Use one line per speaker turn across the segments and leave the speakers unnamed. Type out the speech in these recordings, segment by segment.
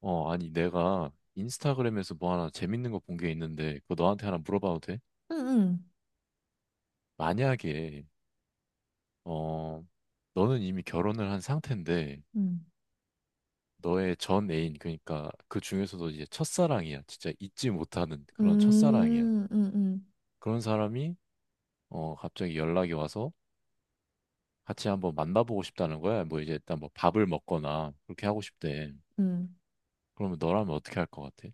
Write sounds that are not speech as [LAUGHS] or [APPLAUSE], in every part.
어, 아니, 내가 인스타그램에서 뭐 하나 재밌는 거 본 게 있는데, 그거 너한테 하나 물어봐도 돼?
응, 응,
만약에, 어, 너는 이미 결혼을 한 상태인데, 너의 전 애인, 그러니까 그 중에서도 이제 첫사랑이야. 진짜 잊지 못하는 그런
응,
첫사랑이야.
응, 응,
그런 사람이, 갑자기 연락이 와서 같이 한번 만나보고 싶다는 거야. 뭐 이제 일단 뭐 밥을 먹거나 그렇게 하고 싶대.
응.
그러면 너라면 어떻게 할 것 같아?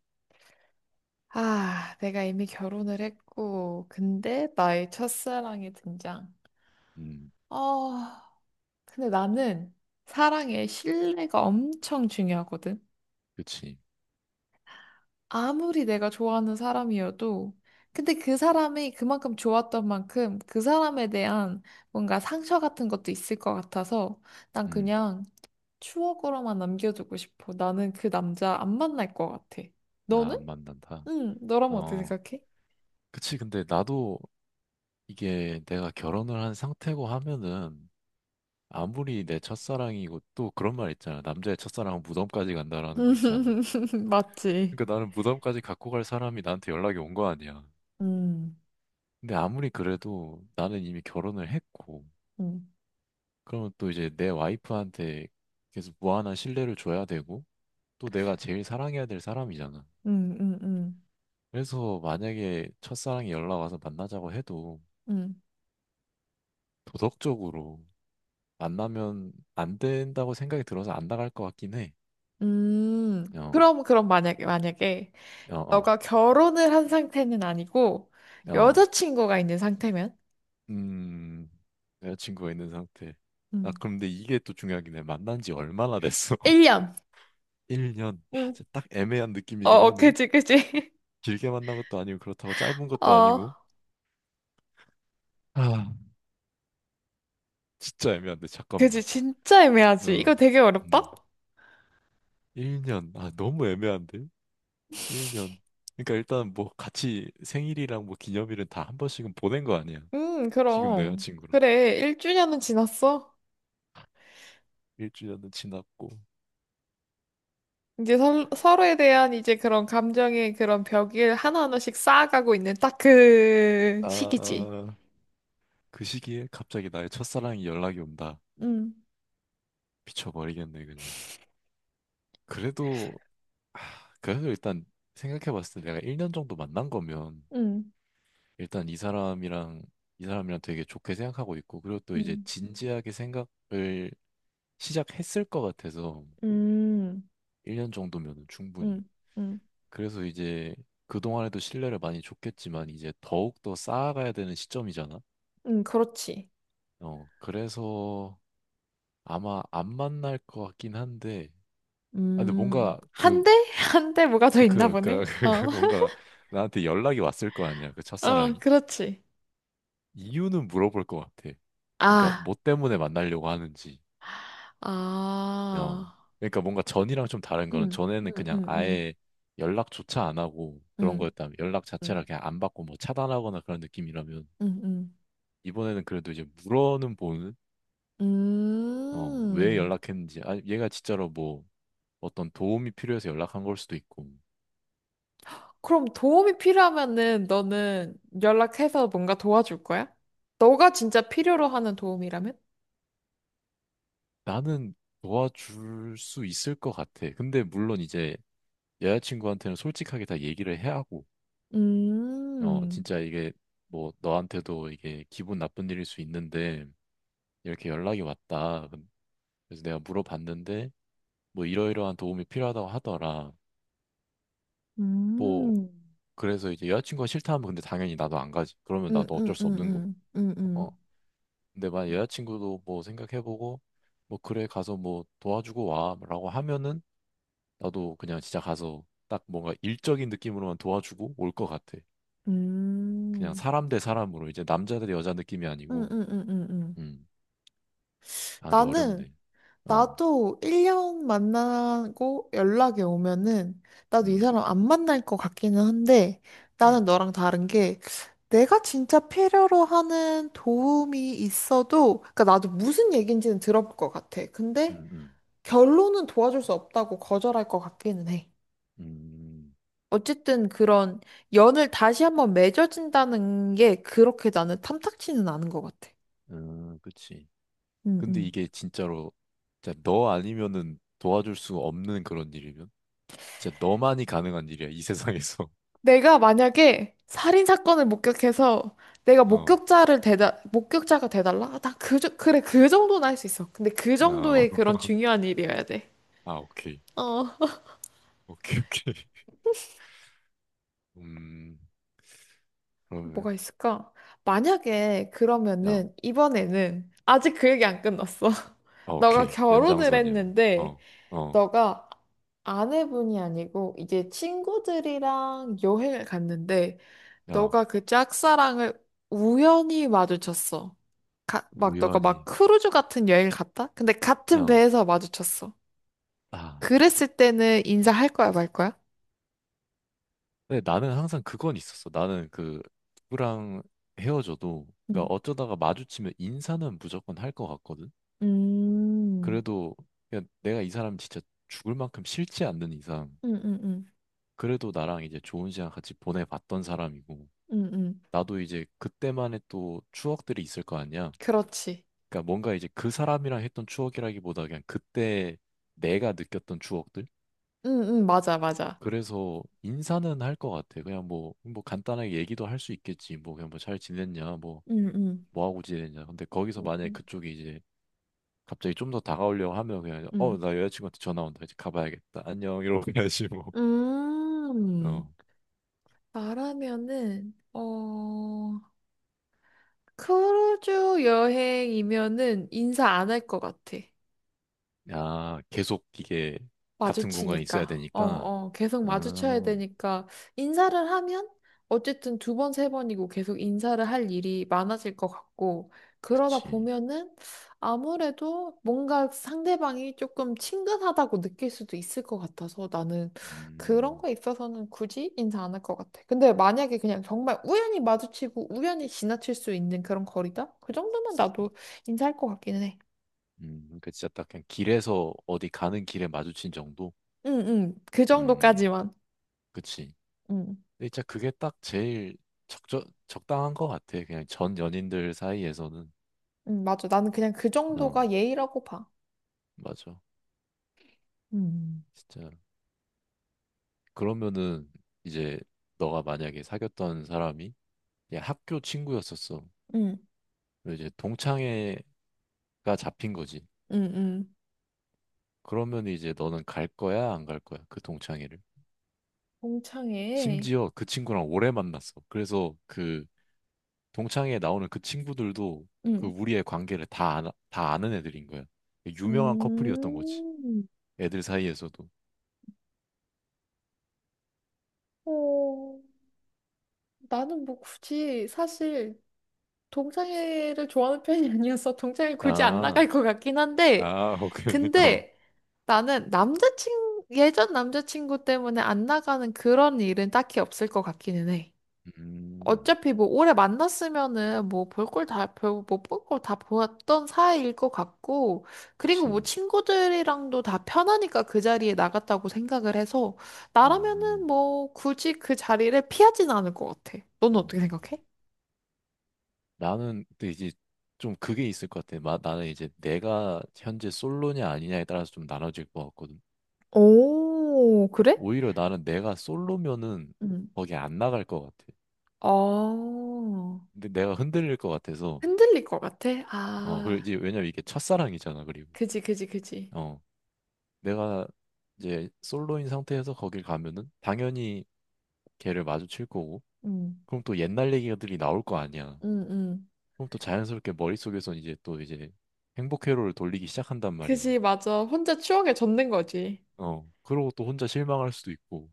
아, 내가 이미 결혼을 했고, 근데 나의 첫사랑이 등장.
음.
어, 근데 나는 사랑에 신뢰가 엄청 중요하거든.
그치.
아무리 내가 좋아하는 사람이어도, 근데 그 사람이 그만큼 좋았던 만큼 그 사람에 대한 뭔가 상처 같은 것도 있을 것 같아서 난
음.
그냥 추억으로만 남겨두고 싶어. 나는 그 남자 안 만날 것 같아.
나
너는?
안 만난다.
응, 너라면 어떻게
어,
생각해?
그치. 근데 나도 이게 내가 결혼을 한 상태고 하면은 아무리 내 첫사랑이고 또 그런 말 있잖아. 남자의 첫사랑은 무덤까지 간다라는 거 있잖아.
[LAUGHS] 맞지?
그러니까 나는 무덤까지 갖고 갈 사람이 나한테 연락이 온 거 아니야.
음,
근데 아무리 그래도 나는 이미 결혼을 했고,
음,
그러면 또 이제 내 와이프한테 계속 무한한 신뢰를 줘야 되고, 또 내가 제일 사랑해야 될 사람이잖아.
음, 음, 음,
그래서 만약에 첫사랑이 연락 와서 만나자고 해도
음.
도덕적으로 만나면 안 된다고 생각이 들어서 안 나갈 것 같긴 해.
음,
어,
그럼, 그럼 만약에, 만약에,
어, 어,
너가 결혼을 한 상태는 아니고,
어.
여자친구가 있는 상태면?
음, 여자친구가 있는 상태. 아,
음,
그럼 근데 이게 또 중요하긴 해. 만난 지 얼마나 됐어? [LAUGHS]
1년.
1년. 아,
응.
진짜 딱 애매한
어,
느낌이긴
어,
하네.
그지, 그지. [LAUGHS]
길게 만난 것도 아니고 그렇다고 짧은 것도
어,
아니고. 아, 진짜 애매한데,
그지,
잠깐만.
진짜 애매하지. 이거
어,
되게 어렵다?
음. 1년. 아, 너무 애매한데? 1년. 그러니까 일단 뭐 같이 생일이랑 뭐 기념일은 다 한 번씩은 보낸 거 아니야. 지금 내
그럼.
여자친구랑.
그래, 1주년은 지났어?
일주일은 지났고.
이제 서, 서로에 대한 이제 그런 감정의 그런 벽을 하나하나씩 쌓아가고 있는 딱 그 시기지.
아, 그 시기에 갑자기 나의 첫사랑이 연락이 온다.
음,
미쳐버리겠네, 그냥. 그래도, 하, 그래도 일단 생각해봤을 때 내가 1년 정도 만난 거면
음,
일단 이 사람이랑 되게 좋게 생각하고 있고, 그리고 또 이제
음,
진지하게 생각을 시작했을 것 같아서
음,
1년 정도면 충분히.
음, 음,
그래서 이제 그동안에도 신뢰를 많이 줬겠지만 이제 더욱더 쌓아가야 되는 시점이잖아.
응, 그렇지.
그래서 아마 안 만날 것 같긴 한데, 아, 근데
음.
뭔가
한 대? [LAUGHS] 한 대 뭐가 더 있나
그, 그,
보네. 어.
[LAUGHS] 뭔가 나한테 연락이 왔을 거 아니야, 그
[LAUGHS] 어,
첫사랑이.
그렇지.
이유는 물어볼 것 같아. 그러니까
아,
뭐 때문에 만나려고 하는지. 어.
아.
그러니까 뭔가 전이랑 좀 다른 거는
음,
전에는
음,
그냥
음,
아예 연락조차 안 하고 그런
음,
거였다면 연락 자체를
음,
그냥 안 받고 뭐 차단하거나 그런 느낌이라면
음, 음, 음.
이번에는 그래도 이제 물어는 보는 어, 왜
음.
연락했는지. 아, 얘가 진짜로 뭐 어떤 도움이 필요해서 연락한 걸 수도 있고.
그럼 도움이 필요하면은 너는 연락해서 뭔가 도와줄 거야? 너가 진짜 필요로 하는 도움이라면?
나는 도와줄 수 있을 것 같아. 근데 물론 이제 여자친구한테는 솔직하게 다 얘기를 해야 하고,
음,
진짜 이게 뭐 너한테도 이게 기분 나쁜 일일 수 있는데 이렇게 연락이 왔다. 그래서 내가 물어봤는데 뭐 이러이러한 도움이 필요하다고 하더라. 뭐
음,
그래서 이제 여자친구가 싫다 하면 근데 당연히 나도 안 가지. 그러면
음,
나도
음,
어쩔 수
음,
없는 거고.
음,
어.
음,
근데 만약 여자친구도 뭐 생각해보고 뭐 그래 가서 뭐 도와주고 와라고 하면은 나도 그냥 진짜 가서 딱 뭔가 일적인 느낌으로만 도와주고 올 것 같아.
음,
그냥
음,
사람 대 사람으로 이제 남자 대 여자 느낌이 아니고
음.
음. 아 근데
나는
어렵네. 어.
나도 1년 만나고 연락이 오면은 나도 이
음.
사람 안 만날 것 같기는 한데 나는
음.
너랑 다른 게 내가 진짜 필요로 하는 도움이 있어도 그러니까 나도 무슨 얘기인지는 들어볼 것 같아. 근데
음. 음.
결론은 도와줄 수 없다고 거절할 것 같기는 해.
음.
어쨌든 그런 연을 다시 한번 맺어진다는 게 그렇게 나는 탐탁지는 않은 것 같아.
음. 그치.
응,
근데
응.
이게 진짜로 진짜 너 아니면은 도와줄 수 없는 그런 일이면 진짜 너만이 가능한 일이야 이 세상에서. [LAUGHS]
내가 만약에 살인 사건을 목격해서 내가
어.
목격자를 대다 목격자가 돼달라? 아, 나 그래 그 정도는 할 수 있어. 근데 그
어.
정도의 그런
[LAUGHS]
중요한 일이어야 돼.
아 오케이.
어.
오케이. 음. 그러면
뭐가 있을까? 만약에
어.
그러면은 이번에는 아직 그 얘기 안 끝났어. [LAUGHS]
아
너가
오케이.
결혼을
연장선이야.
했는데
어. 어.
너가 아내분이 아니고 이제 친구들이랑 여행을 갔는데
어.
너가 그 짝사랑을 우연히 마주쳤어. 막 너가 막
무연히.
크루즈 같은 여행을 갔다? 근데 같은
어.
배에서 마주쳤어.
아.
그랬을 때는 인사할 거야, 말 거야?
근데 나는 항상 그건 있었어. 나는 그 누구랑 헤어져도
응.
그러니까 어쩌다가 마주치면 인사는 무조건 할 것 같거든.
음.
그래도 그냥 내가 이 사람 진짜 죽을 만큼 싫지 않는 이상
응, 응, 응.
그래도 나랑 이제 좋은 시간 같이 보내봤던 사람이고
응, 응.
나도 이제 그때만의 또 추억들이 있을 거 아니야.
그렇지.
그러니까 뭔가 이제 그 사람이랑 했던 추억이라기보다 그냥 그때 내가 느꼈던 추억들.
응, 응, 맞아, 맞아.
그래서 인사는 할 것 같아. 그냥 뭐 간단하게 얘기도 할 수 있겠지. 뭐 그냥 뭐 잘 지냈냐.
응, 응.
뭐 하고 지내냐. 근데 거기서 만약에
응.
그쪽이 이제 갑자기 좀 더 다가오려고 하면 그냥 어,
응.
나 여자친구한테 전화 온다. 이제 가봐야겠다. 안녕. 이러고 가야지 뭐.
음.
어.
나라면은 어 크루즈 여행이면은 인사 안 할 것 같아.
야, 계속 이게 같은 공간에 있어야
마주치니까. 어,
되니까.
어, 계속 마주쳐야
음,
되니까 인사를 하면 어쨌든 두 번, 세 번이고 계속 인사를 할 일이 많아질 것 같고 그러다
그치.
보면은 아무래도 뭔가 상대방이 조금 친근하다고 느낄 수도 있을 것 같아서 나는 그런
음,
거에 있어서는 굳이 인사 안 할 것 같아. 근데 만약에 그냥 정말 우연히 마주치고 우연히 지나칠 수 있는 그런 거리다? 그 정도면 나도 인사할 것 같기는 해.
그러니까 진짜 딱 그냥 길에서 어디 가는 길에 마주친 정도?
응, 응, 그
음,
정도까지만.
그치.
응.
근데 진짜 그게 딱 제일 적당한 것 같아. 그냥 전 연인들 사이에서는.
맞아. 나는 그냥 그
어,
정도가 예의라고 봐.
맞아.
음.
진짜. 그러면은 이제 너가 만약에 사귀었던 사람이 이제 학교 친구였었어.
응,
그리고 이제 동창회가 잡힌 거지.
응, 응.
그러면 이제 너는 갈 거야, 안 갈 거야? 그 동창회를.
동창회.
심지어 그 친구랑 오래 만났어. 그래서 그 동창회에 나오는 그 친구들도 그
응.
우리의 관계를 다 아는 애들인 거야. 유명한 커플이었던 거지.
음.
애들 사이에서도.
어, 나는 뭐 굳이 사실 동창회를 좋아하는 편이 [LAUGHS] 아니어서 동창회 굳이 안
아,
나갈 것 같긴 한데,
아, 오케이. [LAUGHS] 어.
근데 나는 남자친, 예전 남자친구 때문에 안 나가는 그런 일은 딱히 없을 것 같기는 해.
음,
어차피 뭐 오래 만났으면은 뭐 별뭐볼걸 다 보았던 사이일 것 같고, 그리고 뭐
그치.
친구들이랑도 다 편하니까 그 자리에 나갔다고 생각을 해서, 나라면은
음,
뭐 굳이 그 자리를 피하진 않을 것 같아. 너는 어떻게
음.
생각해?
나는 근데 이제 좀 그게 있을 것 같아. 나는 이제 내가 현재 솔로냐 아니냐에 따라서 좀 나눠질 것 같거든.
오, 그래?
오히려 나는 내가 솔로면은
응.
거기 안 나갈 것 같아.
어,
근데 내가 흔들릴 것 같아서
흔들릴 것 같아?
어 그리고
아,
이제 왜냐면 이게 첫사랑이잖아. 그리고
그지, 그지, 그지.
어 내가 이제 솔로인 상태에서 거길 가면은 당연히 걔를 마주칠 거고
응,
그럼 또 옛날 얘기들이 나올 거 아니야.
응, 응.
그럼 또 자연스럽게 머릿속에선 이제 또 행복 회로를 돌리기 시작한단 말이야.
그지, 맞아. 혼자 추억에 젖는 거지.
어, 그러고 또 혼자 실망할 수도 있고.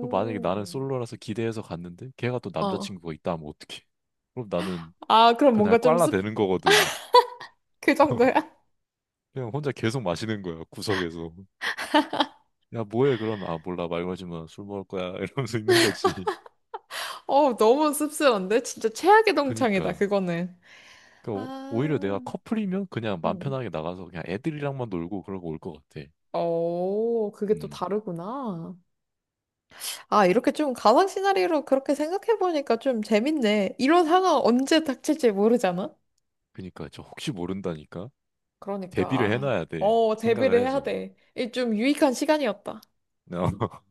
그 만약에 나는 솔로라서 기대해서 갔는데 걔가 또
어.
남자친구가 있다 하면 어떡해? 그럼 나는
아, 그럼
그날
뭔가 좀
꽐라
씁,
되는 거거든.
그 정도야?
[LAUGHS]
[LAUGHS]
그냥 혼자 계속 마시는 거야, 구석에서. 야, 뭐해? 그러면, 아, 몰라, 말 걸지 마. 술 먹을 거야. [LAUGHS] 이러면서 있는 거지.
어, 너무 씁쓸한데? 진짜 최악의 동창이다,
그니까.
그거는.
그니까, 오히려 내가
아,
커플이면 그냥 맘
음.
편하게 나가서 그냥 애들이랑만 놀고 그러고 올 것 같아.
어, 그게 또
음.
다르구나. 아, 이렇게 좀 가상 시나리오로 그렇게 생각해보니까 좀 재밌네. 이런 상황 언제 닥칠지 모르잖아?
그니까, 저 혹시 모른다니까?
그러니까,
대비를
아,
해놔야 돼.
어,
생각을
대비를 해야
해서.
돼. 이 좀 유익한 시간이었다.
[LAUGHS]